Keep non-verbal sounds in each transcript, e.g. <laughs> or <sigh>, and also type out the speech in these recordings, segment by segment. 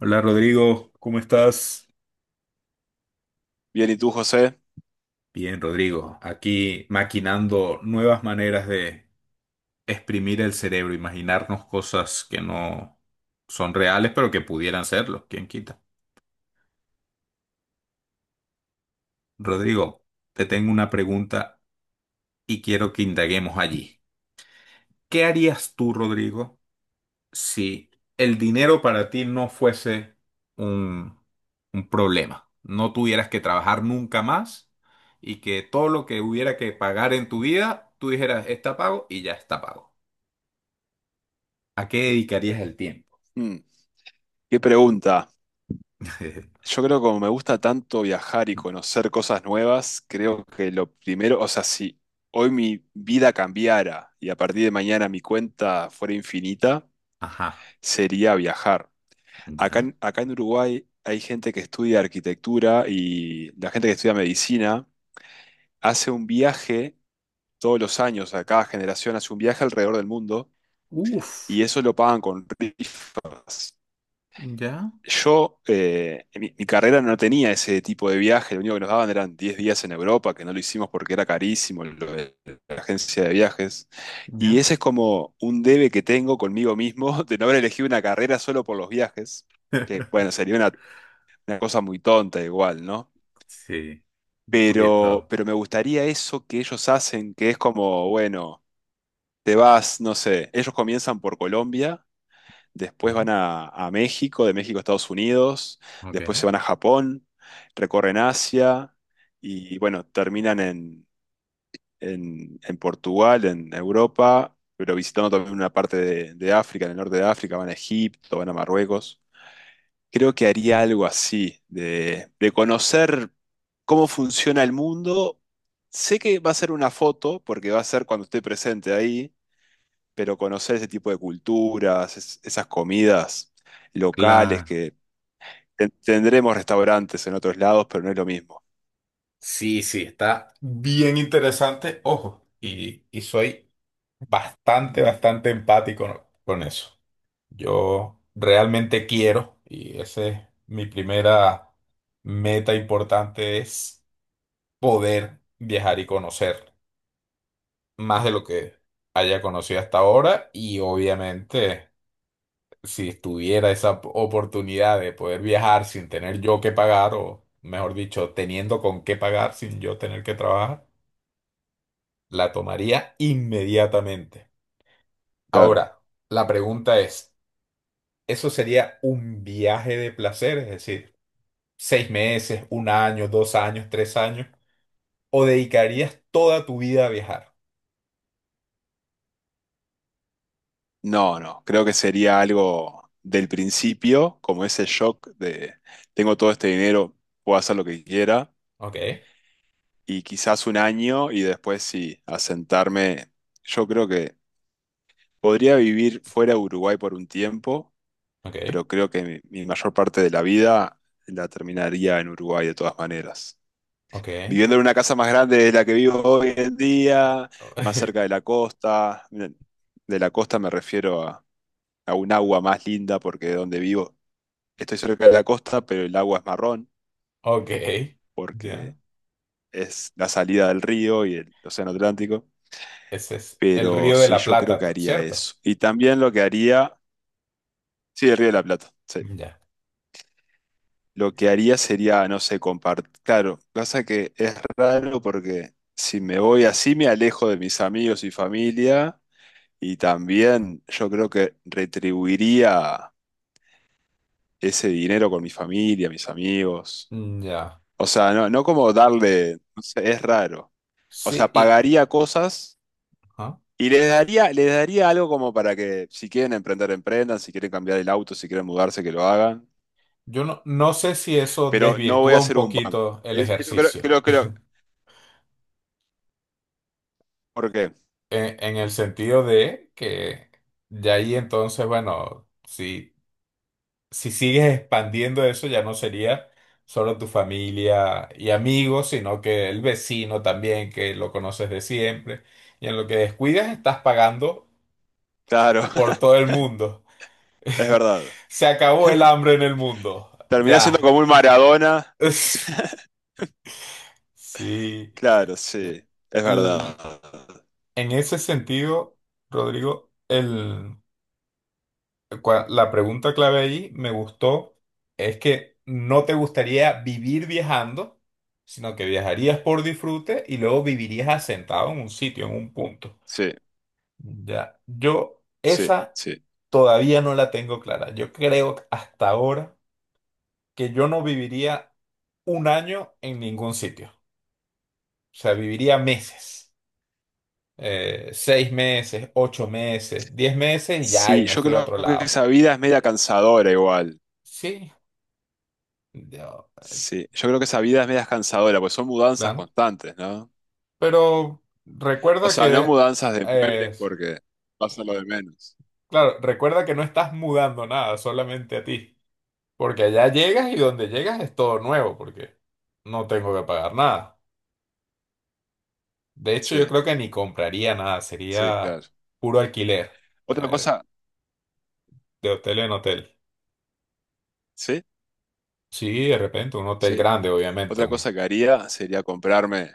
Hola Rodrigo, ¿cómo estás? Bien, ¿y tú, José? Bien, Rodrigo, aquí maquinando nuevas maneras de exprimir el cerebro, imaginarnos cosas que no son reales, pero que pudieran serlo, quién quita. Rodrigo, te tengo una pregunta y quiero que indaguemos allí. ¿Qué harías tú, Rodrigo? Si el dinero para ti no fuese un, un problema, no tuvieras que trabajar nunca más y que todo lo que hubiera que pagar en tu vida, tú dijeras, está pago y ya está pago. ¿A qué dedicarías el tiempo? Mm, qué pregunta. <laughs> Yo creo que como me gusta tanto viajar y conocer cosas nuevas, creo que lo primero, o sea, si hoy mi vida cambiara y a partir de mañana mi cuenta fuera infinita, Ajá, sería viajar. Acá ya. en, acá en Uruguay hay gente que estudia arquitectura y la gente que estudia medicina hace un viaje todos los años, a cada generación hace un viaje alrededor del mundo y Uf, eso lo pagan con rifas. ya, Yo, mi carrera no tenía ese tipo de viaje, lo único que nos daban eran 10 días en Europa, que no lo hicimos porque era carísimo lo de la agencia de viajes. Y ya. ese es como un debe que tengo conmigo mismo <laughs> de no haber elegido una carrera solo por los viajes, que bueno, <laughs> sería una cosa muy tonta igual, ¿no? Sí, un Pero, poquito. pero me gustaría eso que ellos hacen, que es como, bueno, te vas, no sé, ellos comienzan por Colombia. Después Ujú. van a México, de México a Estados Unidos, después se Ok. van a Japón, recorren Asia y bueno, terminan en, en Portugal, en Europa, pero visitando también una parte de África, en el norte de África, van a Egipto, van a Marruecos. Creo que haría algo así, de conocer cómo funciona el mundo. Sé que va a ser una foto, porque va a ser cuando esté presente ahí, pero conocer ese tipo de culturas, esas comidas locales Claro. que tendremos restaurantes en otros lados, pero no es lo mismo. Sí, sí, está bien interesante. Ojo, y soy bastante, bastante empático con eso. Yo realmente quiero, y esa es mi primera meta importante, es poder viajar y conocer más de lo que haya conocido hasta ahora. Y obviamente, si tuviera esa oportunidad de poder viajar sin tener yo que pagar, o mejor dicho, teniendo con qué pagar sin yo tener que trabajar, la tomaría inmediatamente. Claro. Ahora, la pregunta es... Eso sería un viaje de placer, es decir, 6 meses, un año, 2 años, 3 años, o dedicarías toda tu vida a viajar. No, no, creo que sería algo del principio, como ese shock de tengo todo este dinero, puedo hacer lo que quiera, Ok, y quizás un año y después sí, asentarme. Yo creo que podría vivir fuera de Uruguay por un tiempo, ok, pero creo que mi mayor parte de la vida la terminaría en Uruguay de todas maneras, ok, viviendo en una casa más grande de la que vivo hoy en día, ok, más cerca <laughs> de la costa. De la costa me refiero a un agua más linda porque de donde vivo estoy cerca de la costa, pero el agua es marrón ok, porque ya. es la salida del río y el océano Atlántico. Ese es el Pero Río de sí, la yo creo Plata, que haría ¿cierto? eso. Y también lo que haría, sí, el Río de la Plata, sí. Ya, Lo que haría sería, no sé, compartir. Claro, pasa que es raro porque si me voy así me alejo de mis amigos y familia. Y también yo creo que retribuiría ese dinero con mi familia, mis amigos. mm, ya. O sea, no, no como darle, no sé, es raro. O Sí, sea, y pagaría cosas ajá. y les daría algo como para que si quieren emprender, emprendan, si quieren cambiar el auto, si quieren mudarse, que lo hagan. Yo no, no sé si eso Pero no voy a desvirtúa un hacer un banco. poquito el Eso creo, ejercicio, creo, creo. ¿Por qué? en el sentido de que de ahí entonces, bueno, si sigues expandiendo eso, ya no sería solo tu familia y amigos, sino que el vecino también, que lo conoces de siempre. Y en lo que descuidas, estás pagando Claro, por <laughs> todo el mundo. es <laughs> verdad. Se acabó el hambre en el mundo. Terminá siendo Ya. como un Maradona. <laughs> <laughs> Sí. Claro, sí, eh, es El- verdad. en ese sentido, Rodrigo, la pregunta clave ahí me gustó es que no te gustaría vivir viajando, sino que viajarías por disfrute y luego vivirías asentado en un sitio, en un punto. Sí, Ya, yo sí, esa sí. todavía no la tengo clara. Yo creo hasta ahora que yo no viviría un año en ningún sitio. O sea, viviría meses. 6 meses, 8 meses, 10 meses y ya, y Sí, me yo fui a creo otro que lado. esa vida es media cansadora igual. Sí, yo, eh, Sí, yo creo que esa vida es media cansadora, pues son mudanzas claro. constantes, ¿no? Pero O recuerda sea, no que, mudanzas de muebles eh, porque pasa lo de menos. claro, recuerda que no estás mudando nada, solamente a ti. Porque allá llegas y donde llegas es todo nuevo, porque no tengo que pagar nada. De hecho, Sí, yo creo que ni compraría nada, sí, sería claro. puro alquiler, Otra eh, cosa, de hotel en hotel. sí, Sí, de repente, un hotel sí. grande, obviamente. Otra Un... cosa que haría sería comprarme,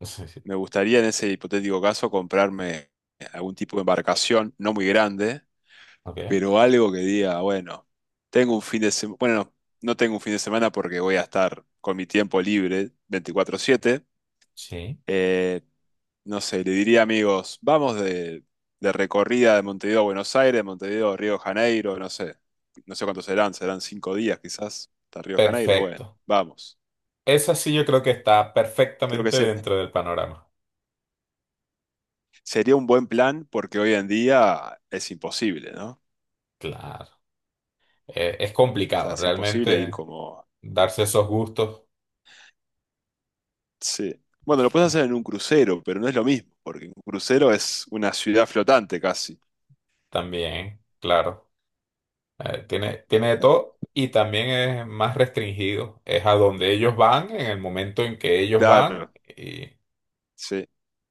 <laughs> Sí, sí. me gustaría en ese hipotético caso comprarme algún tipo de embarcación, no muy grande, Ok, pero algo que diga, bueno, tengo un fin de semana, bueno, no tengo un fin de semana porque voy a estar con mi tiempo libre 24/7. sí, Eh, no sé, le diría amigos, vamos de, recorrida de Montevideo a Buenos Aires, de Montevideo a Río de Janeiro, no sé, no sé cuántos serán, serán 5 días quizás hasta Río de Janeiro, bueno, perfecto. vamos. Esa sí yo creo que está Creo que perfectamente dentro del panorama. sería un buen plan porque hoy en día es imposible, ¿no? O Claro, es sea, complicado, es imposible ir realmente. como... Darse esos gustos Sí. Bueno, lo puedes hacer en un crucero, pero no es lo mismo, porque un crucero es una ciudad flotante casi. también, claro. Tiene de todo y también es más restringido. Es a donde ellos van, en el momento en que ellos van Claro, y sí.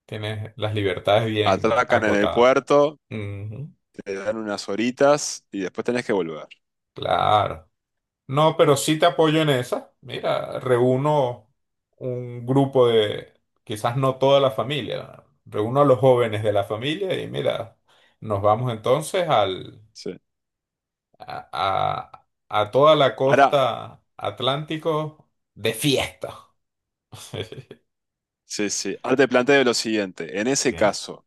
tienes las libertades bien Atracan en el acotadas. puerto, Ujú, te dan unas horitas y después tenés que volver. claro. No, pero sí te apoyo en esa. Mira, reúno un grupo de, quizás no toda la familia, reúno a los jóvenes de la familia y mira, nos vamos entonces al Sí. a, a toda la Ahora, costa atlántico de fiesta. <laughs> sí, sí. Ahora te planteo lo siguiente. En ese Bien. caso,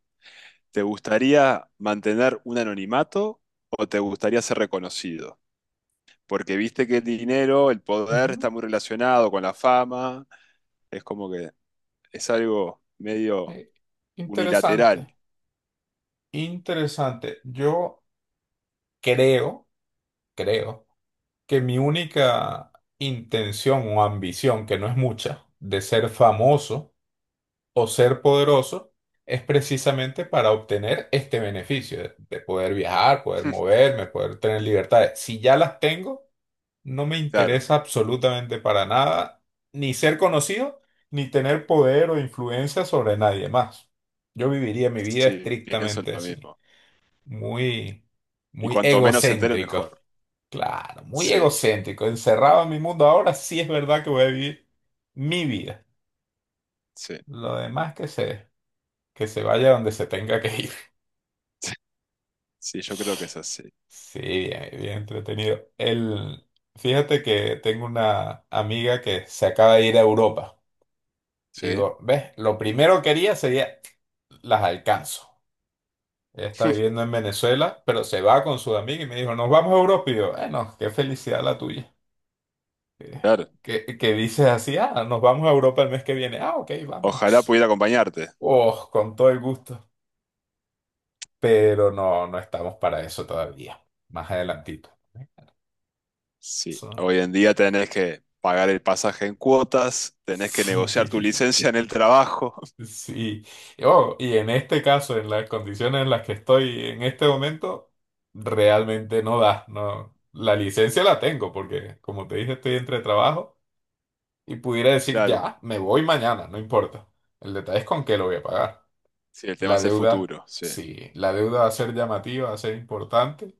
¿te gustaría mantener un anonimato o te gustaría ser reconocido? Porque viste que el dinero, el poder Ujú. está muy relacionado con la fama. Es como que es algo medio Eh, unilateral. interesante, interesante. Yo creo, creo que mi única intención o ambición, que no es mucha, de ser famoso o ser poderoso, es precisamente para obtener este beneficio de poder viajar, poder <laughs> moverme, poder tener libertades. Si ya las tengo, no me Claro, interesa absolutamente para nada ni ser conocido, ni tener poder o influencia sobre nadie más. Yo viviría mi vida sí, pienso estrictamente lo así, mismo. muy, Y muy cuanto menos se enteren, egocéntrico. mejor. Claro, muy Sí, egocéntrico, encerrado en mi mundo. Ahora sí es verdad que voy a vivir mi vida. sí, Lo demás que se vaya donde se tenga que ir. <laughs> sí, yo creo que es así. Sí, bien, bien entretenido. Fíjate que tengo una amiga que se acaba de ir a Europa. Sí. Digo, ves, lo primero que haría sería, las alcanzo. Ella está viviendo en Venezuela, pero se va con su amiga y me dijo, nos vamos a Europa. Y yo, bueno, qué felicidad la tuya. Eh, Claro, que dices así, ah, nos vamos a Europa el mes que viene. Ah, ok, ojalá vámonos. pudiera acompañarte. Oh, con todo el gusto. Pero no, no estamos para eso todavía. Más adelantito. ¿Eh? Sí, Eso- hoy en día tenés que pagar el pasaje en cuotas, tenés que negociar tu <laughs> Sí. licencia en el trabajo. <laughs> Sí, oh, y en este caso, en las condiciones en las que estoy en este momento, realmente no da, no. La licencia la tengo porque, como te dije, estoy entre trabajo y pudiera decir Claro, ya, me voy mañana, no importa. El detalle es con qué lo voy a pagar. sí, el tema La es el deuda, futuro, sí. sí, la deuda va a ser llamativa, va a ser importante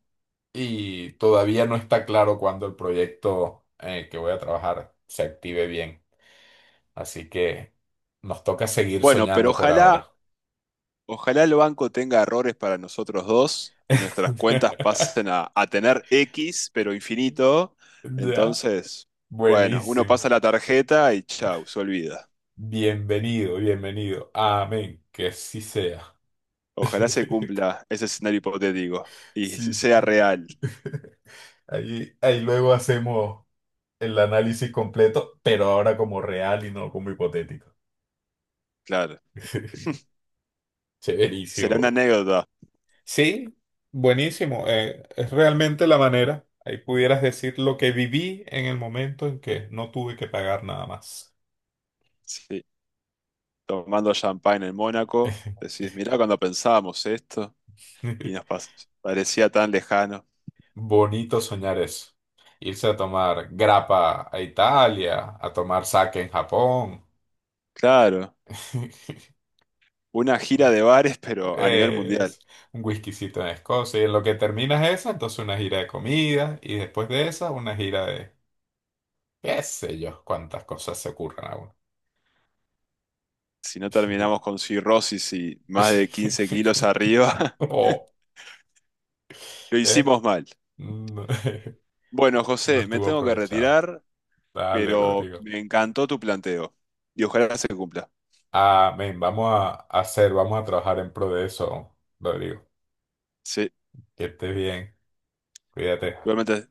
y todavía no está claro cuándo el proyecto en el que voy a trabajar se active bien. Así que nos toca seguir Bueno, pero soñando por ojalá, ahora. ojalá el banco tenga errores para nosotros dos y nuestras cuentas <laughs> pasen a tener X, pero infinito. Ya, Entonces, bueno, uno pasa buenísimo. la tarjeta y chau, se olvida. Bienvenido, bienvenido. Amén, que así sea. Ojalá se <laughs> cumpla ese escenario hipotético y Sí, sí. sea real, <laughs> Ahí, ahí luego hacemos el análisis completo, pero ahora como real y no como hipotético. claro. <laughs> <laughs> Será una Chéverísimo. anécdota. Sí, buenísimo. Es realmente la manera. Ahí pudieras decir lo que viví en el momento en que no tuve que pagar nada más. Sí, tomando champagne en Mónaco, <laughs> decís, mirá cuando pensábamos esto y nos parecía tan lejano. Bonito soñar eso. Irse a tomar grappa a Italia, a tomar sake en Japón, Claro, <laughs> una gira de bares, pero a nivel mundial. es un whiskycito en Escocia. Y en lo que terminas esa, entonces una gira de comida. Y después de esa, una gira de qué sé yo, cuántas cosas se ocurran a uno. Si no terminamos con cirrosis y más de 15 kilos <laughs> arriba, Oh, <laughs> lo ¿eh? hicimos mal. No, Bueno, <laughs> no José, me estuvo tengo que aprovechado. retirar, Dale, pero Rodrigo. me encantó tu planteo y ojalá se cumpla. Amén. Vamos a trabajar en pro de eso, Rodrigo. Sí, Que estés bien. Cuídate. igualmente.